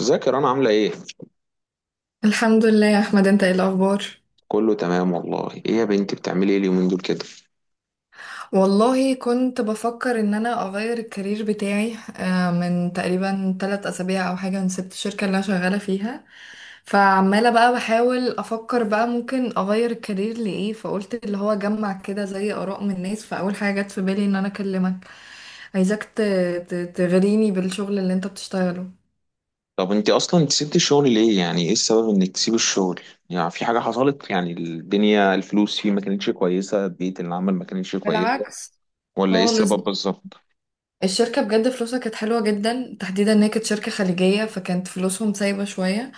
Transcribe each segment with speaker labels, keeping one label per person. Speaker 1: ازيك يا رنا، عاملة ايه؟
Speaker 2: الحمد لله يا احمد، انت ايه الاخبار؟
Speaker 1: كله تمام والله. ايه يا بنتي، بتعملي ايه اليومين دول كده؟
Speaker 2: والله كنت بفكر ان انا اغير الكارير بتاعي، من تقريبا 3 اسابيع او حاجه انا سبت الشركه اللي انا شغاله فيها. فعماله بقى بحاول افكر بقى ممكن اغير الكارير لايه، فقلت اللي هو جمع كده زي اراء من الناس، فاول حاجه جت في بالي ان انا اكلمك. عايزاك تغريني بالشغل اللي انت بتشتغله.
Speaker 1: طب انت اصلا، انت سبت الشغل ليه؟ يعني ايه السبب انك تسيب الشغل؟ يعني في حاجة حصلت؟ يعني الدنيا، الفلوس فيه ما كانتش كويسة، بيئة العمل ما كانتش كويسة،
Speaker 2: بالعكس
Speaker 1: ولا ايه
Speaker 2: خالص.
Speaker 1: السبب بالظبط؟
Speaker 2: الشركة بجد فلوسها كانت حلوة جدا، تحديدا ان هي كانت شركة خليجية فكانت فلوسهم سايبة شوية.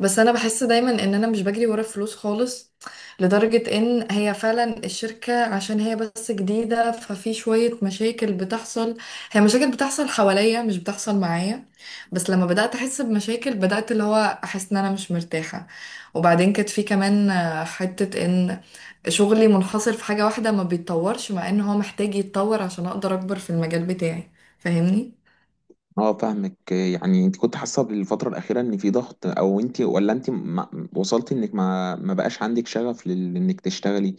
Speaker 2: بس انا بحس دايما ان انا مش بجري ورا الفلوس خالص. لدرجة ان هي فعلا الشركة، عشان هي بس جديدة، ففي شوية مشاكل بتحصل. هي مشاكل بتحصل حواليا، مش بتحصل معايا. بس لما بدأت احس بمشاكل بدأت اللي هو احس ان انا مش مرتاحة. وبعدين كانت في كمان حتة ان شغلي منحصر في حاجة واحدة، ما بيتطورش، مع ان هو محتاج يتطور عشان اقدر اكبر في المجال بتاعي. فاهمني؟
Speaker 1: اه، فاهمك. يعني انت كنت حاسة بالفترة الأخيرة ان في ضغط، او انت، ولا انت ما وصلتي انك ما بقاش عندك شغف انك تشتغلي؟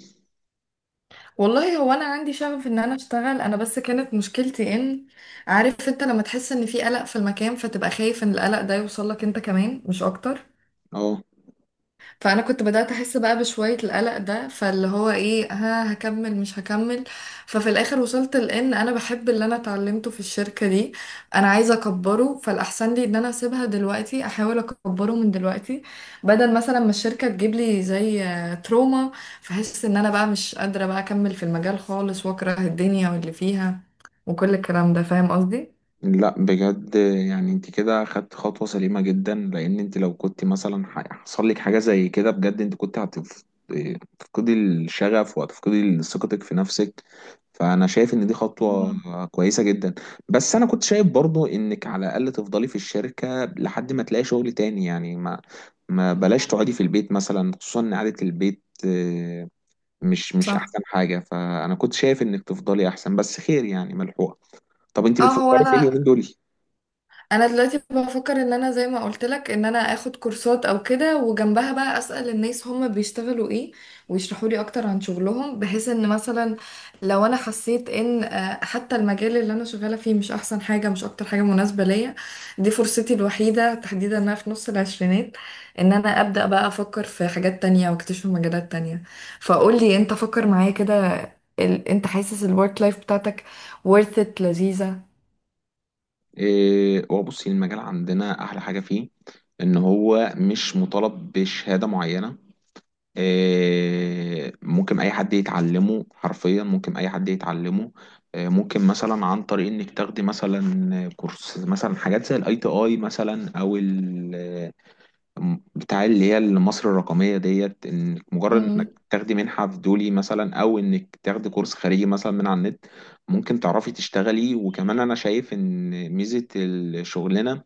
Speaker 2: والله هو انا عندي شغف ان انا اشتغل انا، بس كانت مشكلتي ان، عارف انت لما تحس ان في قلق في المكان فتبقى خايف ان القلق ده يوصل لك انت كمان، مش اكتر.
Speaker 1: اه،
Speaker 2: فانا كنت بدات احس بقى بشويه القلق ده، فاللي هو ايه، ها هكمل مش هكمل. ففي الاخر وصلت لان انا بحب اللي انا اتعلمته في الشركه دي، انا عايزه اكبره، فالاحسن لي ان انا اسيبها دلوقتي احاول اكبره من دلوقتي، بدل مثلا ما الشركه تجيب لي زي تروما، فحس ان انا بقى مش قادره بقى اكمل في المجال خالص، واكره الدنيا واللي فيها وكل الكلام ده. فاهم قصدي؟
Speaker 1: لا بجد، يعني انت كده خدت خطوة سليمة جدا، لان انت لو كنت مثلا حصل لك حاجة زي كده بجد، انت كنت هتفقدي الشغف وهتفقدي ثقتك في نفسك. فانا شايف ان دي خطوة
Speaker 2: مم.
Speaker 1: كويسة جدا. بس انا كنت شايف برضو انك على الاقل تفضلي في الشركة لحد ما تلاقي شغل تاني. يعني ما بلاش تقعدي في البيت مثلا، خصوصا ان قعدة البيت، مش
Speaker 2: صح.
Speaker 1: احسن حاجة. فانا كنت شايف انك تفضلي احسن، بس خير يعني ملحوقة. طب انت
Speaker 2: اه، هو
Speaker 1: بتفكري في ايه
Speaker 2: انا
Speaker 1: اليومين دول؟
Speaker 2: دلوقتي بفكر ان انا زي ما قلت لك، ان انا اخد كورسات او كده، وجنبها بقى اسال الناس هم بيشتغلوا ايه ويشرحوا لي اكتر عن شغلهم، بحيث ان مثلا لو انا حسيت ان حتى المجال اللي انا شغاله فيه مش احسن حاجه، مش اكتر حاجه مناسبه ليا. دي فرصتي الوحيده، تحديدا إن انا في نص العشرينات، ان انا ابدا بقى افكر في حاجات تانية واكتشف مجالات تانية. فقول لي انت، فكر معايا كده. انت حاسس الورك لايف بتاعتك worth it لذيذه؟
Speaker 1: هو بصي، المجال عندنا احلى حاجه فيه ان هو مش مطالب بشهاده معينه. ممكن اي حد يتعلمه، حرفيا ممكن اي حد يتعلمه. ممكن مثلا عن طريق انك تاخدي مثلا كورس، مثلا حاجات زي الاي تي اي مثلا، او بتاع اللي هي مصر الرقمية ديت، انك مجرد انك تاخدي منحة في دولي مثلا، او انك تاخدي كورس خارجي مثلا من على النت، ممكن تعرفي تشتغلي. وكمان انا شايف ان ميزة الشغلانة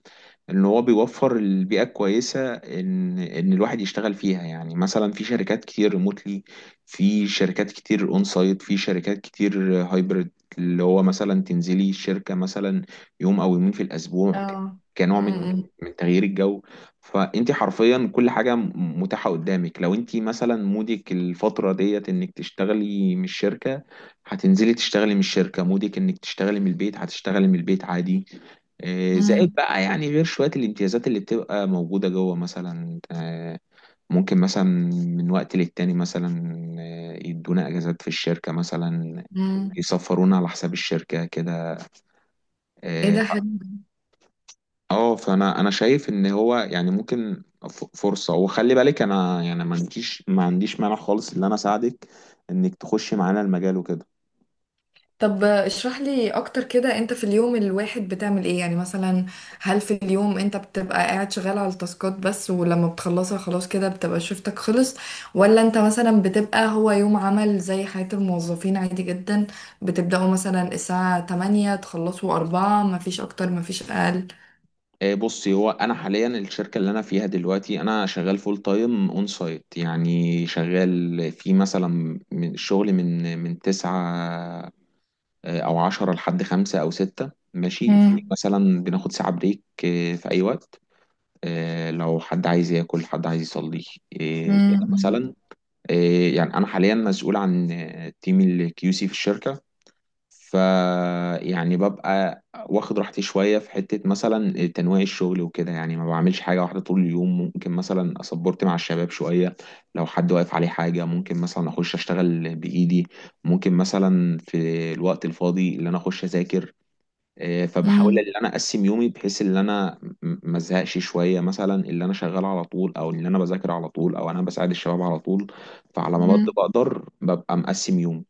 Speaker 1: ان هو بيوفر البيئه الكويسه، ان الواحد يشتغل فيها. يعني مثلا في شركات كتير ريموتلي، في شركات كتير اون سايت، في شركات كتير هايبرد. اللي هو مثلا تنزلي الشركه مثلا يوم او يومين في الاسبوع،
Speaker 2: اه.
Speaker 1: كنوع من
Speaker 2: امم.
Speaker 1: من تغيير الجو. فانت حرفيا كل حاجه متاحه قدامك. لو انت مثلا مودك الفتره ديت انك تشتغلي من الشركه، هتنزلي تشتغلي من الشركه. مودك انك تشتغلي من البيت، هتشتغلي من البيت عادي. زائد
Speaker 2: امم.
Speaker 1: بقى، يعني غير شوية الامتيازات اللي بتبقى موجودة جوه مثلا. ممكن مثلا من وقت للتاني مثلا يدونا اجازات في الشركة مثلا،
Speaker 2: امم.
Speaker 1: يسفرونا على حساب الشركة كده.
Speaker 2: ايه
Speaker 1: اه.
Speaker 2: ده حلو.
Speaker 1: فانا شايف ان هو يعني ممكن فرصة. وخلي بالك، انا يعني ما عنديش مانع خالص ان انا اساعدك انك تخشي معانا المجال وكده.
Speaker 2: طب اشرح لي اكتر كده، انت في اليوم الواحد بتعمل ايه، يعني مثلا هل في اليوم انت بتبقى قاعد شغال على التاسكات بس، ولما بتخلصها خلاص كده بتبقى شفتك خلص؟ ولا انت مثلا بتبقى هو يوم عمل زي حياة الموظفين عادي جدا، بتبدأوا مثلا الساعة 8 تخلصوا 4 مفيش اكتر مفيش اقل؟
Speaker 1: بصي، هو انا حاليا الشركه اللي انا فيها دلوقتي، انا شغال فول تايم اون سايت. يعني شغال في مثلا، من الشغل من 9 او 10 لحد 5 او 6 ماشي. في
Speaker 2: امم.
Speaker 1: مثلا بناخد ساعه بريك في اي وقت. لو حد عايز ياكل، حد عايز يصلي، كده
Speaker 2: امم.
Speaker 1: مثلا. آه، يعني انا حاليا مسؤول عن تيم الكيو سي في الشركه. ف يعني ببقى واخد راحتي شوية في حتة مثلا تنويع الشغل وكده. يعني ما بعملش حاجة واحدة طول اليوم. ممكن مثلا أصبرت مع الشباب شوية، لو حد واقف عليه حاجة ممكن مثلا أخش أشتغل بإيدي. ممكن مثلا في الوقت الفاضي اللي أنا أخش أذاكر. فبحاول ان انا اقسم يومي بحيث ان انا ما ازهقش، شويه مثلا اللي انا شغال على طول، او اللي انا بذاكر على طول، او انا بساعد الشباب على طول. فعلى ما
Speaker 2: امم.
Speaker 1: بقدر ببقى مقسم يومي.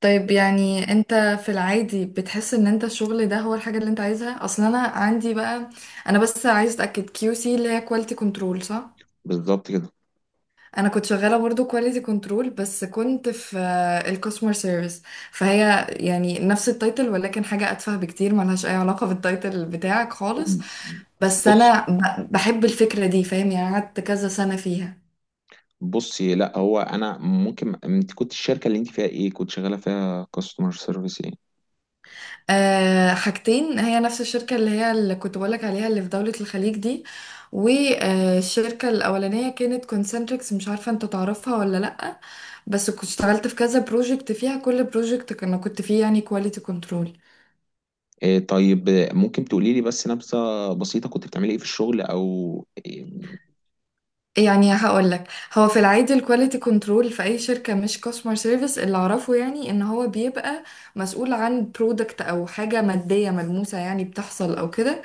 Speaker 2: طيب يعني انت في العادي بتحس ان انت الشغل ده هو الحاجة اللي انت عايزها اصلا؟ انا عندي بقى، انا بس عايز اتاكد، كيو سي اللي هي كواليتي كنترول، صح؟
Speaker 1: بالظبط كده.
Speaker 2: انا كنت شغالة برضو كواليتي كنترول، بس كنت في الكاستمر سيرفيس. فهي يعني نفس التايتل ولكن حاجة اتفه بكتير، ملهاش اي علاقة بالتايتل بتاعك خالص. بس
Speaker 1: بص
Speaker 2: انا بحب الفكرة دي، فاهم؟ يعني قعدت كذا سنة فيها.
Speaker 1: بصي لا، هو انا ممكن، انت كنت الشركه اللي انت فيها ايه؟ كنت شغاله فيها كاستمر سيرفيس ايه؟
Speaker 2: آه، حاجتين. هي نفس الشركة اللي هي اللي كنت بقولك عليها اللي في دولة الخليج دي. والشركة الأولانية كانت كونسنتريكس، مش عارفة انت تعرفها ولا لأ، بس كنت اشتغلت في كذا بروجكت فيها، كل بروجكت كنا كنت فيه يعني كواليتي كنترول.
Speaker 1: طيب، ممكن تقولي لي بس نبذه بسيطه، كنت بتعملي ايه في الشغل، او
Speaker 2: يعني هقول لك، هو في العادي الكواليتي كنترول في اي شركه مش كاستمر سيرفيس، اللي اعرفه يعني ان هو بيبقى مسؤول عن برودكت او حاجه ماديه ملموسه يعني بتحصل او كده،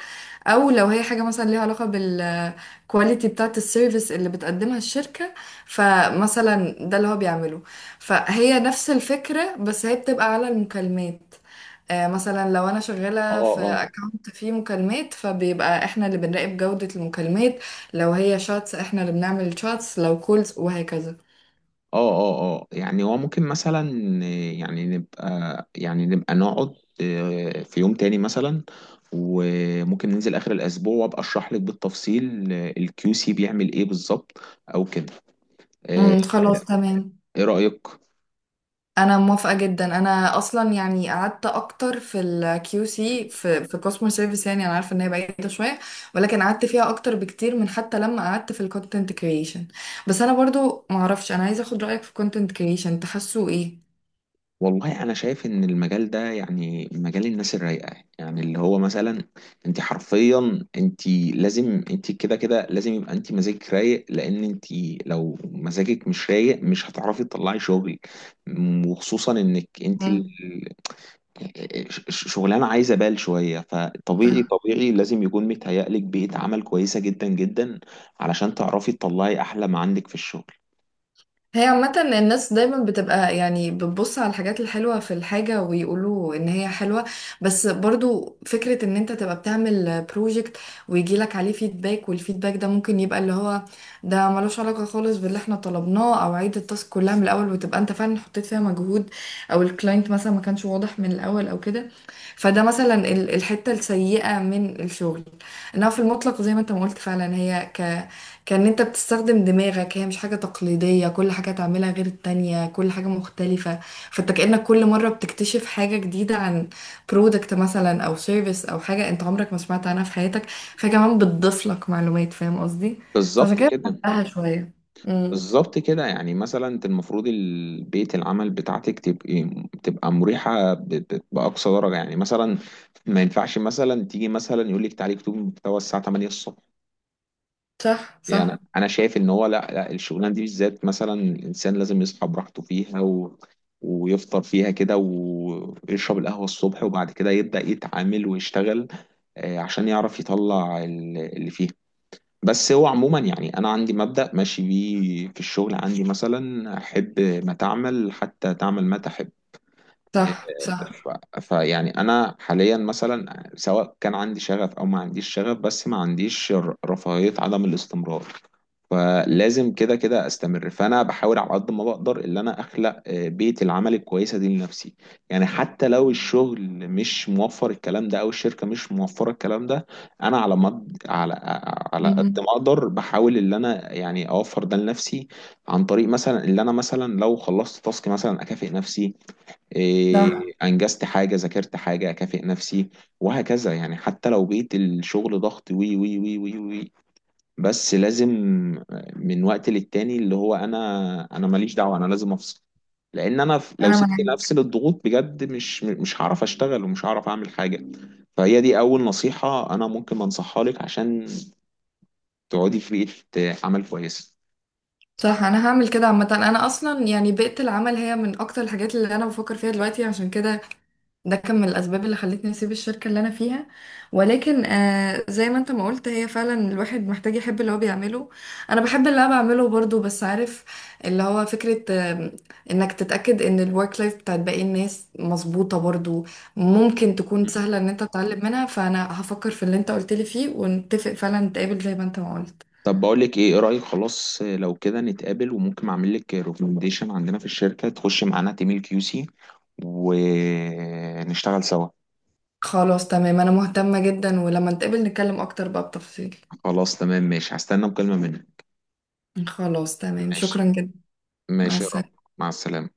Speaker 2: او لو هي حاجه مثلا ليها علاقه بالكواليتي بتاعه السيرفيس اللي بتقدمها الشركه، فمثلا ده اللي هو بيعمله. فهي نفس الفكره بس هي بتبقى على المكالمات. مثلا لو انا
Speaker 1: اه،
Speaker 2: شغاله في
Speaker 1: اه،
Speaker 2: اكونت فيه مكالمات فبيبقى احنا اللي بنراقب جوده المكالمات، لو هي شاتس احنا اللي بنعمل شاتس، لو كولز وهكذا.
Speaker 1: اه، اه، اه. يعني هو ممكن مثلا، يعني نبقى نقعد في يوم تاني مثلا، وممكن ننزل اخر الاسبوع وابقى اشرح لك بالتفصيل الكيو سي بيعمل ايه بالظبط، او كده. إيه،
Speaker 2: امم، خلاص تمام.
Speaker 1: ايه رأيك؟
Speaker 2: انا موافقة جدا، انا اصلا يعني قعدت اكتر في الكيو سي في كاستمر سيرفيس، يعني انا عارفه ان هي بعيده شويه، ولكن قعدت فيها اكتر بكتير من حتى لما قعدت في الكونتنت كرييشن. بس انا برضو ما اعرفش، انا عايزه اخد رايك في الكونتنت كرييشن، تحسوا ايه؟
Speaker 1: والله انا شايف ان المجال ده يعني مجال الناس الرايقه. يعني اللي هو مثلا، انت حرفيا انت، لازم انت، كده كده لازم يبقى انت مزاجك رايق. لان انت لو مزاجك مش رايق، مش هتعرفي تطلعي شغل. وخصوصا انك انت
Speaker 2: امم.
Speaker 1: شغلانه عايزه بال شويه. فطبيعي لازم يكون متهيألك بيئه عمل كويسه جدا جدا، علشان تعرفي تطلعي احلى ما عندك في الشغل.
Speaker 2: هي عامة الناس دايما بتبقى يعني بتبص على الحاجات الحلوة في الحاجة ويقولوا ان هي حلوة. بس برضو فكرة ان انت تبقى بتعمل بروجكت ويجيلك عليه فيدباك، والفيدباك ده ممكن يبقى اللي هو ده ملوش علاقة خالص باللي احنا طلبناه، او عيد التاسك كلها من الاول وتبقى انت فعلا حطيت فيها مجهود، او الكلاينت مثلا ما كانش واضح من الاول او كده. فده مثلا الحتة السيئة من الشغل. انها في المطلق زي ما انت ما قلت فعلا، هي كان انت بتستخدم دماغك، هي مش حاجة تقليدية، كل حاجة تعملها غير التانية، كل حاجة مختلفة. فانت كأنك كل مرة بتكتشف حاجة جديدة عن برودكت مثلا او سيرفيس او حاجة انت عمرك ما سمعت عنها في حياتك، فكمان بتضيف لك معلومات. فاهم قصدي؟ فعشان
Speaker 1: بالظبط
Speaker 2: كده
Speaker 1: كده.
Speaker 2: بحبها شوية. امم.
Speaker 1: بالظبط كده. يعني مثلا انت المفروض البيت العمل بتاعتك تبقى مريحه باقصى درجه. يعني مثلا ما ينفعش مثلا تيجي مثلا يقول لك تعالي اكتبي محتوى الساعه 8 الصبح.
Speaker 2: صح،
Speaker 1: يعني
Speaker 2: صح.
Speaker 1: انا شايف ان هو، لا لا الشغلانه دي بالذات، مثلا الانسان لازم يصحى براحته فيها، ويفطر فيها كده، ويشرب القهوه الصبح، وبعد كده يبدا يتعامل ويشتغل، عشان يعرف يطلع اللي فيه. بس هو عموما، يعني انا عندي مبدأ ماشي بيه في الشغل، عندي مثلا: احب ما تعمل حتى تعمل ما تحب.
Speaker 2: صح، صح.
Speaker 1: فيعني انا حاليا مثلا، سواء كان عندي شغف او ما عنديش شغف، بس ما عنديش رفاهية عدم الاستمرار. فلازم كده كده استمر. فانا بحاول على قد ما بقدر ان انا اخلق بيئة العمل الكويسة دي لنفسي. يعني حتى لو الشغل مش موفر الكلام ده، او الشركة مش موفرة الكلام ده، انا على مد على على قد
Speaker 2: امم.
Speaker 1: ما اقدر بحاول ان انا يعني اوفر ده لنفسي. عن طريق مثلا اللي انا مثلا لو خلصت تاسك مثلا اكافئ نفسي.
Speaker 2: صح.
Speaker 1: انجزت حاجه، ذاكرت حاجه، اكافئ نفسي. وهكذا. يعني حتى لو بقيت الشغل ضغط وي وي وي وي وي، بس لازم من وقت للتاني، اللي هو انا ماليش دعوه، انا لازم افصل. لان انا لو
Speaker 2: انا
Speaker 1: سبت
Speaker 2: معاك.
Speaker 1: نفسي للضغوط بجد، مش هعرف اشتغل، ومش هعرف اعمل حاجه. فهي دي اول نصيحه انا ممكن انصحها لك، عشان تقعدي في بيئه عمل كويسه.
Speaker 2: صح، انا هعمل كده. عامة انا اصلا يعني بيئة العمل هي من اكتر الحاجات اللي انا بفكر فيها دلوقتي، عشان كده ده كان من الأسباب اللي خلتني أسيب الشركة اللي أنا فيها. ولكن آه، زي ما أنت ما قلت هي فعلا الواحد محتاج يحب اللي هو بيعمله. أنا بحب اللي أنا بعمله برضو، بس عارف، اللي هو فكرة آه، إنك تتأكد إن الورك لايف بتاعت باقي الناس مظبوطة برضو، ممكن تكون سهلة إن أنت تتعلم منها. فأنا هفكر في اللي أنت قلت لي فيه ونتفق فعلا نتقابل زي ما أنت ما قلت.
Speaker 1: طب بقول لك ايه، ايه رايك؟ خلاص، لو كده نتقابل، وممكن اعمل لك ريكومنديشن عندنا في الشركه، تخش معانا تيم الكيو سي ونشتغل سوا.
Speaker 2: خلاص تمام، أنا مهتمة جدا، ولما نتقابل نتكلم أكتر بقى بتفصيل.
Speaker 1: خلاص تمام ماشي، هستنى مكالمه منك.
Speaker 2: خلاص تمام،
Speaker 1: ماشي.
Speaker 2: شكرا جدا. مع
Speaker 1: ماشي يا رب.
Speaker 2: السلامة.
Speaker 1: مع السلامه.